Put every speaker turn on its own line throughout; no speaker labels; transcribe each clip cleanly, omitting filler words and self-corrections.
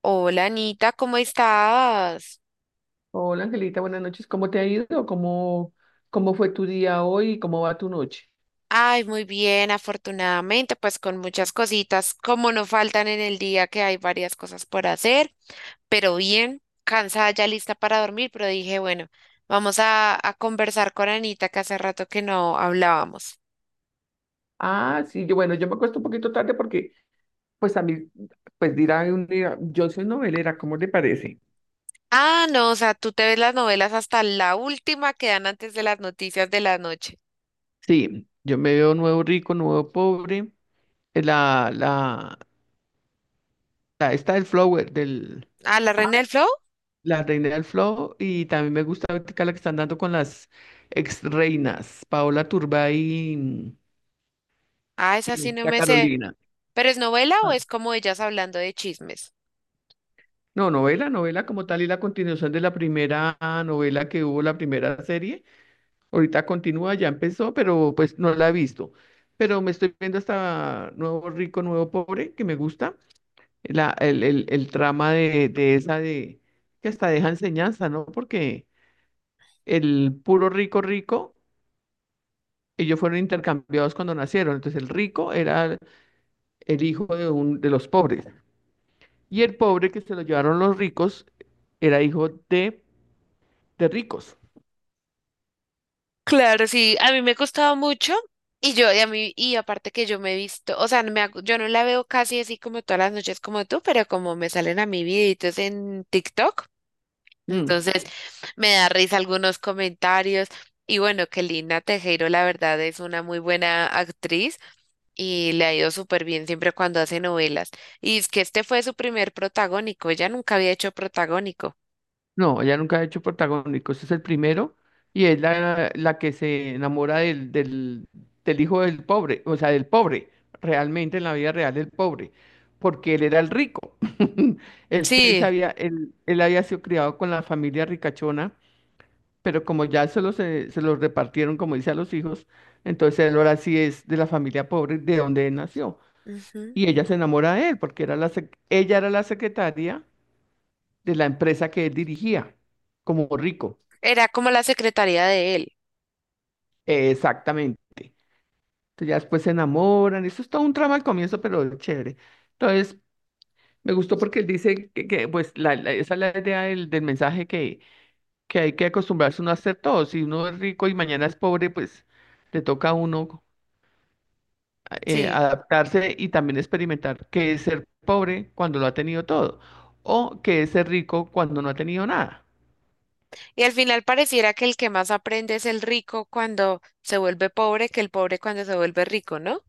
Hola Anita, ¿cómo estás?
Hola Angelita, buenas noches. ¿Cómo te ha ido? ¿Cómo fue tu día hoy? ¿Cómo va tu noche?
Ay, muy bien, afortunadamente, pues con muchas cositas, como no faltan en el día que hay varias cosas por hacer, pero bien, cansada ya lista para dormir, pero dije, bueno, vamos a conversar con Anita que hace rato que no hablábamos.
Ah, sí, bueno, yo me acuesto un poquito tarde porque, pues a mí, pues dirá un día, yo soy novelera, ¿cómo te parece?
Ah, no, o sea, tú te ves las novelas hasta la última que dan antes de las noticias de la noche.
Sí, yo me veo nuevo rico, nuevo pobre. eh, La, la, Esta del flower,
Ah, La
ah,
Reina del Flow.
la reina del flow. Y también me gusta ahorita la que están dando con las ex reinas, Paola Turbay y,
Ah, esa sí
y
no
la
me sé.
Carolina.
¿Pero es novela o es como ellas hablando de chismes?
No, novela, novela como tal y la continuación de la primera novela que hubo, la primera serie. Ahorita continúa, ya empezó, pero pues no la he visto. Pero me estoy viendo hasta Nuevo Rico, Nuevo Pobre, que me gusta. El trama de esa de que hasta deja enseñanza, ¿no? Porque el puro rico rico, ellos fueron intercambiados cuando nacieron. Entonces el rico era el hijo de los pobres. Y el pobre que se lo llevaron los ricos era hijo de ricos.
Claro, sí, a mí me costaba mucho y yo, y a mí, y aparte que yo me he visto, o sea, yo no la veo casi así como todas las noches como tú, pero como me salen a mi videitos en TikTok,
Mm.
entonces me da risa algunos comentarios y bueno, que Lina Tejero la verdad es una muy buena actriz y le ha ido súper bien siempre cuando hace novelas. Y es que este fue su primer protagónico, ella nunca había hecho protagónico.
No, ella nunca ha hecho protagónico. Este es el primero y es la que se enamora del hijo del pobre, o sea, del pobre, realmente en la vida real del pobre, porque él era el rico. Se
Sí,
había, él había sido criado con la familia ricachona, pero como ya solo se los repartieron, como dice, a los hijos, entonces él ahora sí es de la familia pobre de donde él nació.
ujú.
Y ella se enamora de él, porque era ella era la secretaria de la empresa que él dirigía, como rico.
Era como la secretaria de él.
Exactamente. Entonces ya después se enamoran. Eso es todo un trama al comienzo, pero es chévere. Entonces, me gustó porque él dice pues, esa es la idea del mensaje que hay que acostumbrarse uno a hacer todo. Si uno es rico y mañana es pobre, pues le toca a uno
Sí.
adaptarse y también experimentar qué es ser pobre cuando lo ha tenido todo o qué es ser rico cuando no ha tenido nada.
Y al final pareciera que el que más aprende es el rico cuando se vuelve pobre que el pobre cuando se vuelve rico, ¿no?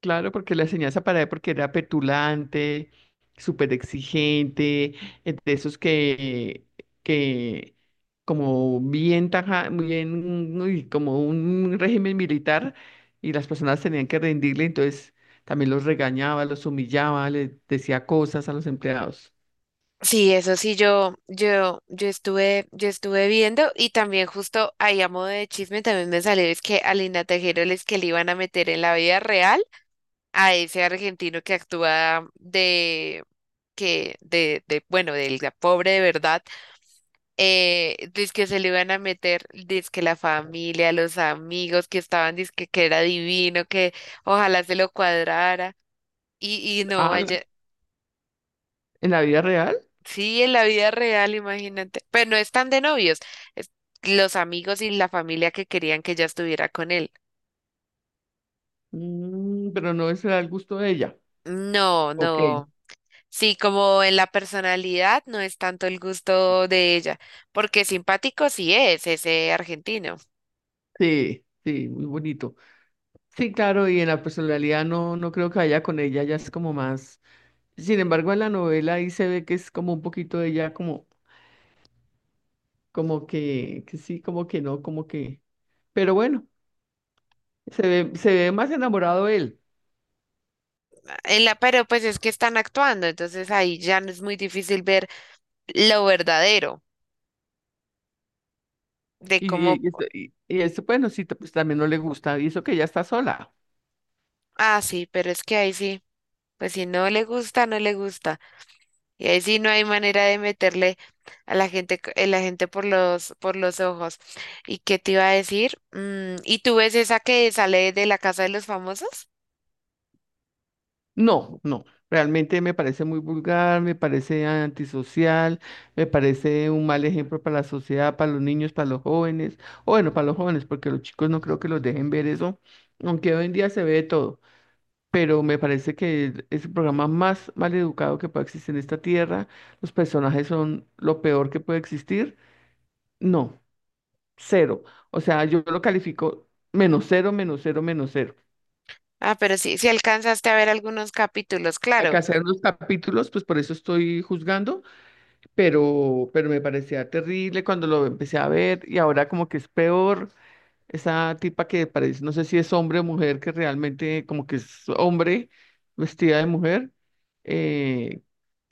Claro, porque la enseñanza para él, porque era petulante, súper exigente, de esos que como bien taja, muy bien, uy, como un régimen militar, y las personas tenían que rendirle, entonces también los regañaba, los humillaba, les decía cosas a los empleados.
Sí, eso sí, yo estuve viendo y también justo ahí a modo de chisme también me salió es que a Lina Tejero les que le iban a meter en la vida real a ese argentino que actúa de, que, de, bueno, del pobre de verdad. Que se le iban a meter, que la familia, los amigos que estaban, dizque que era divino, que ojalá se lo cuadrara. Y no,
Ah,
vaya,
¿en la vida real?
sí, en la vida real, imagínate. Pero no están de novios, es los amigos y la familia que querían que ella estuviera con él.
Mm, pero no, eso era el gusto de ella.
No,
Ok.
no. Sí, como en la personalidad no es tanto el gusto de ella, porque simpático sí es ese argentino.
Sí, sí, muy bonito. Sí, claro, y en la personalidad no, no creo que vaya con ella, ya es como más. Sin embargo, en la novela ahí se ve que es como un poquito de ella, como, como que sí, como que no, como que. Pero bueno, se ve más enamorado él.
En la, pero pues es que están actuando, entonces ahí ya no es muy difícil ver lo verdadero, de
Y,
cómo,
y esto, bueno, pues también no le gusta. Y eso que ella está sola.
ah, sí, pero es que ahí sí, pues si no le gusta, no le gusta. Y ahí sí no hay manera de meterle a la gente, la gente por los ojos. ¿Y qué te iba a decir? ¿Y tú ves esa que sale de la casa de los famosos?
No, no, realmente me parece muy vulgar, me parece antisocial, me parece un mal ejemplo para la sociedad, para los niños, para los jóvenes, o bueno, para los jóvenes, porque los chicos no creo que los dejen ver eso, aunque hoy en día se ve de todo, pero me parece que es el programa más mal educado que puede existir en esta tierra, los personajes son lo peor que puede existir, no, cero, o sea, yo lo califico menos cero, menos cero, menos cero.
Ah, pero sí, sí alcanzaste a ver algunos capítulos,
Acá
claro.
hacer unos capítulos, pues por eso estoy juzgando pero me parecía terrible cuando lo empecé a ver y ahora como que es peor esa tipa que parece, no sé si es hombre o mujer, que realmente como que es hombre vestida de mujer, eh,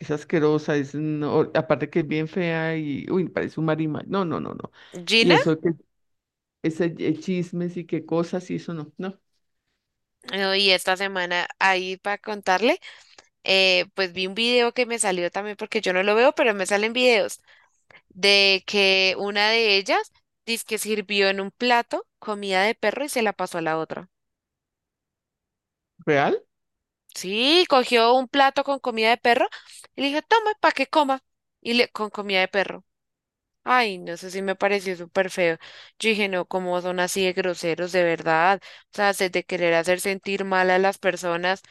es asquerosa, es no- aparte que es bien fea y, uy, parece un marima, no, no, no, no, y
Gina,
eso de que ese chismes y qué cosas y eso no, no,
y esta semana ahí para contarle, pues vi un video que me salió también porque yo no lo veo, pero me salen videos de que una de ellas que sirvió en un plato comida de perro y se la pasó a la otra.
real.
Sí, cogió un plato con comida de perro y le dijo, toma, para que coma. Y le, con comida de perro. Ay, no sé si me pareció súper feo. Yo dije, no, cómo son así de groseros, de verdad. O sea, de querer hacer sentir mal a las personas,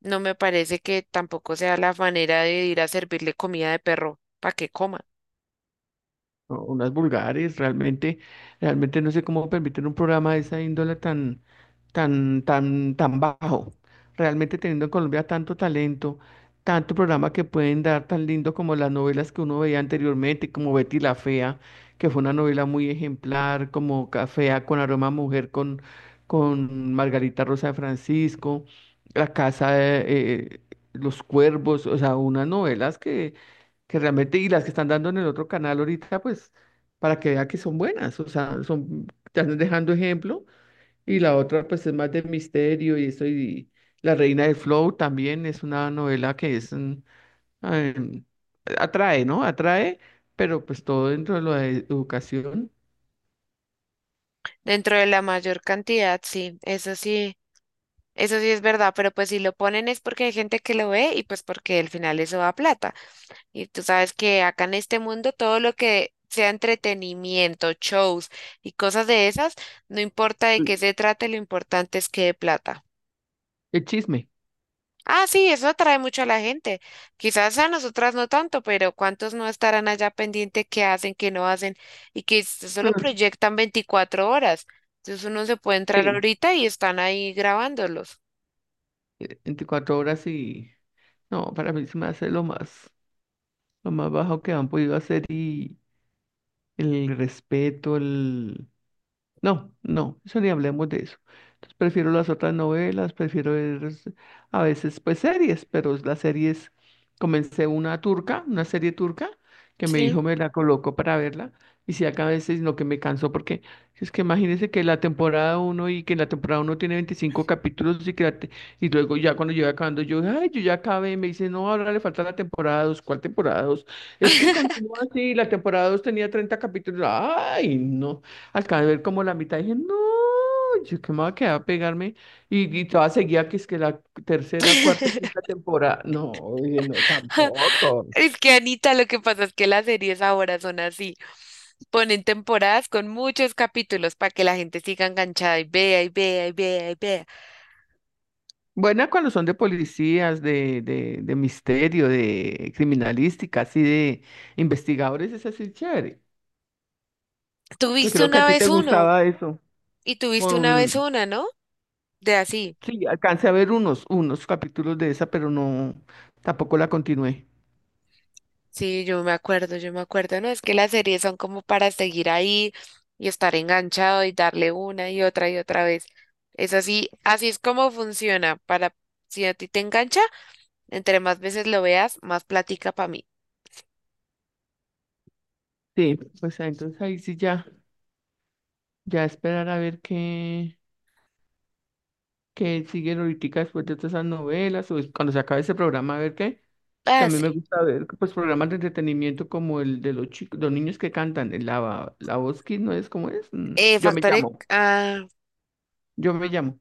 no me parece que tampoco sea la manera de ir a servirle comida de perro para que coma.
O unas vulgares, realmente, realmente no sé cómo permiten un programa de esa índole tan bajo. Realmente teniendo en Colombia tanto talento, tanto programa que pueden dar tan lindo como las novelas que uno veía anteriormente, como Betty la Fea, que fue una novela muy ejemplar, como Cafea con aroma a mujer con Margarita Rosa de Francisco, La Casa de eh, los Cuervos, o sea, unas novelas que realmente, y las que están dando en el otro canal ahorita, pues, para que vea que son buenas, o sea, son, te están dejando ejemplo, y la otra, pues, es más de misterio y eso, y La Reina del Flow también es una novela que es, em, atrae, ¿no? Atrae, pero pues todo dentro de la de educación.
Dentro de la mayor cantidad, sí, eso sí. Eso sí es verdad, pero pues si lo ponen es porque hay gente que lo ve y pues porque al final eso da plata. Y tú sabes que acá en este mundo todo lo que sea entretenimiento, shows y cosas de esas, no importa de
Mm.
qué se trate, lo importante es que dé plata.
El chisme.
Ah, sí, eso atrae mucho a la gente. Quizás a nosotras no tanto, pero ¿cuántos no estarán allá pendiente qué hacen, qué no hacen y que solo
Mm.
proyectan 24 horas? Entonces uno se puede entrar
Sí.
ahorita y están ahí grabándolos.
24 horas y, no, para mí se me hace lo más bajo que han podido hacer y el respeto, el. No, no, eso ni hablemos de eso. Entonces prefiero las otras novelas, prefiero ver a veces pues series, pero las series, comencé una turca, una serie turca, que mi
Sí.
hijo me la colocó para verla, y si acá a veces lo que me cansó, porque es que imagínense que la temporada uno y que la temporada uno tiene 25 capítulos y luego ya cuando llega acabando yo, ay, yo ya acabé, me dice, no, ahora le falta la temporada 2, ¿cuál temporada 2? Es que continúa así, la temporada 2 tenía 30 capítulos, ay, no. Acabé de ver como la mitad, y dije, no, yo qué me voy a quedar a pegarme. Y todavía seguía que es que la tercera, cuarta y quinta temporada. No, dije, no, tampoco.
Es que Anita, lo que pasa es que las series ahora son así. Ponen temporadas con muchos capítulos para que la gente siga enganchada y vea y vea y vea y vea.
Buena cuando son de policías, de misterio, de criminalística, así de investigadores, es así chévere. Yo
Tuviste
creo que a
una
ti te
vez uno
gustaba eso.
y tuviste una vez
Con,
una, ¿no? De así.
sí, alcancé a ver unos, unos capítulos de esa, pero no, tampoco la continué.
Sí, yo me acuerdo, ¿no? Es que las series son como para seguir ahí y estar enganchado y darle una y otra vez. Es así, así es como funciona. Para si a ti te engancha, entre más veces lo veas, más plática para mí.
Sí, pues ah, entonces ahí sí ya, ya esperar a ver qué. Que siguen ahorita después de todas esas novelas cuando se acabe ese programa, a ver qué. También me
Así.
gusta ver pues programas de entretenimiento como el de los chicos, los niños que cantan, la voz Kids, ¿no es como es? Mm, Yo me
Factor X-
llamo,
ah,
yo me llamo.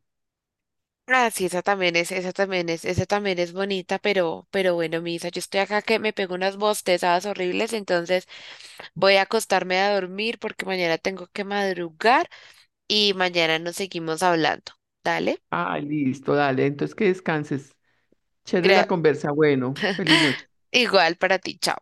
ah, sí, esa también es bonita, pero bueno, Misa, yo estoy acá que me pego unas bostezadas horribles, entonces voy a acostarme a dormir porque mañana tengo que madrugar y mañana nos seguimos hablando. Dale,
Ah, listo, dale, entonces que descanses. Chévere
Gra-
la conversa, bueno, feliz noche.
igual para ti, chao.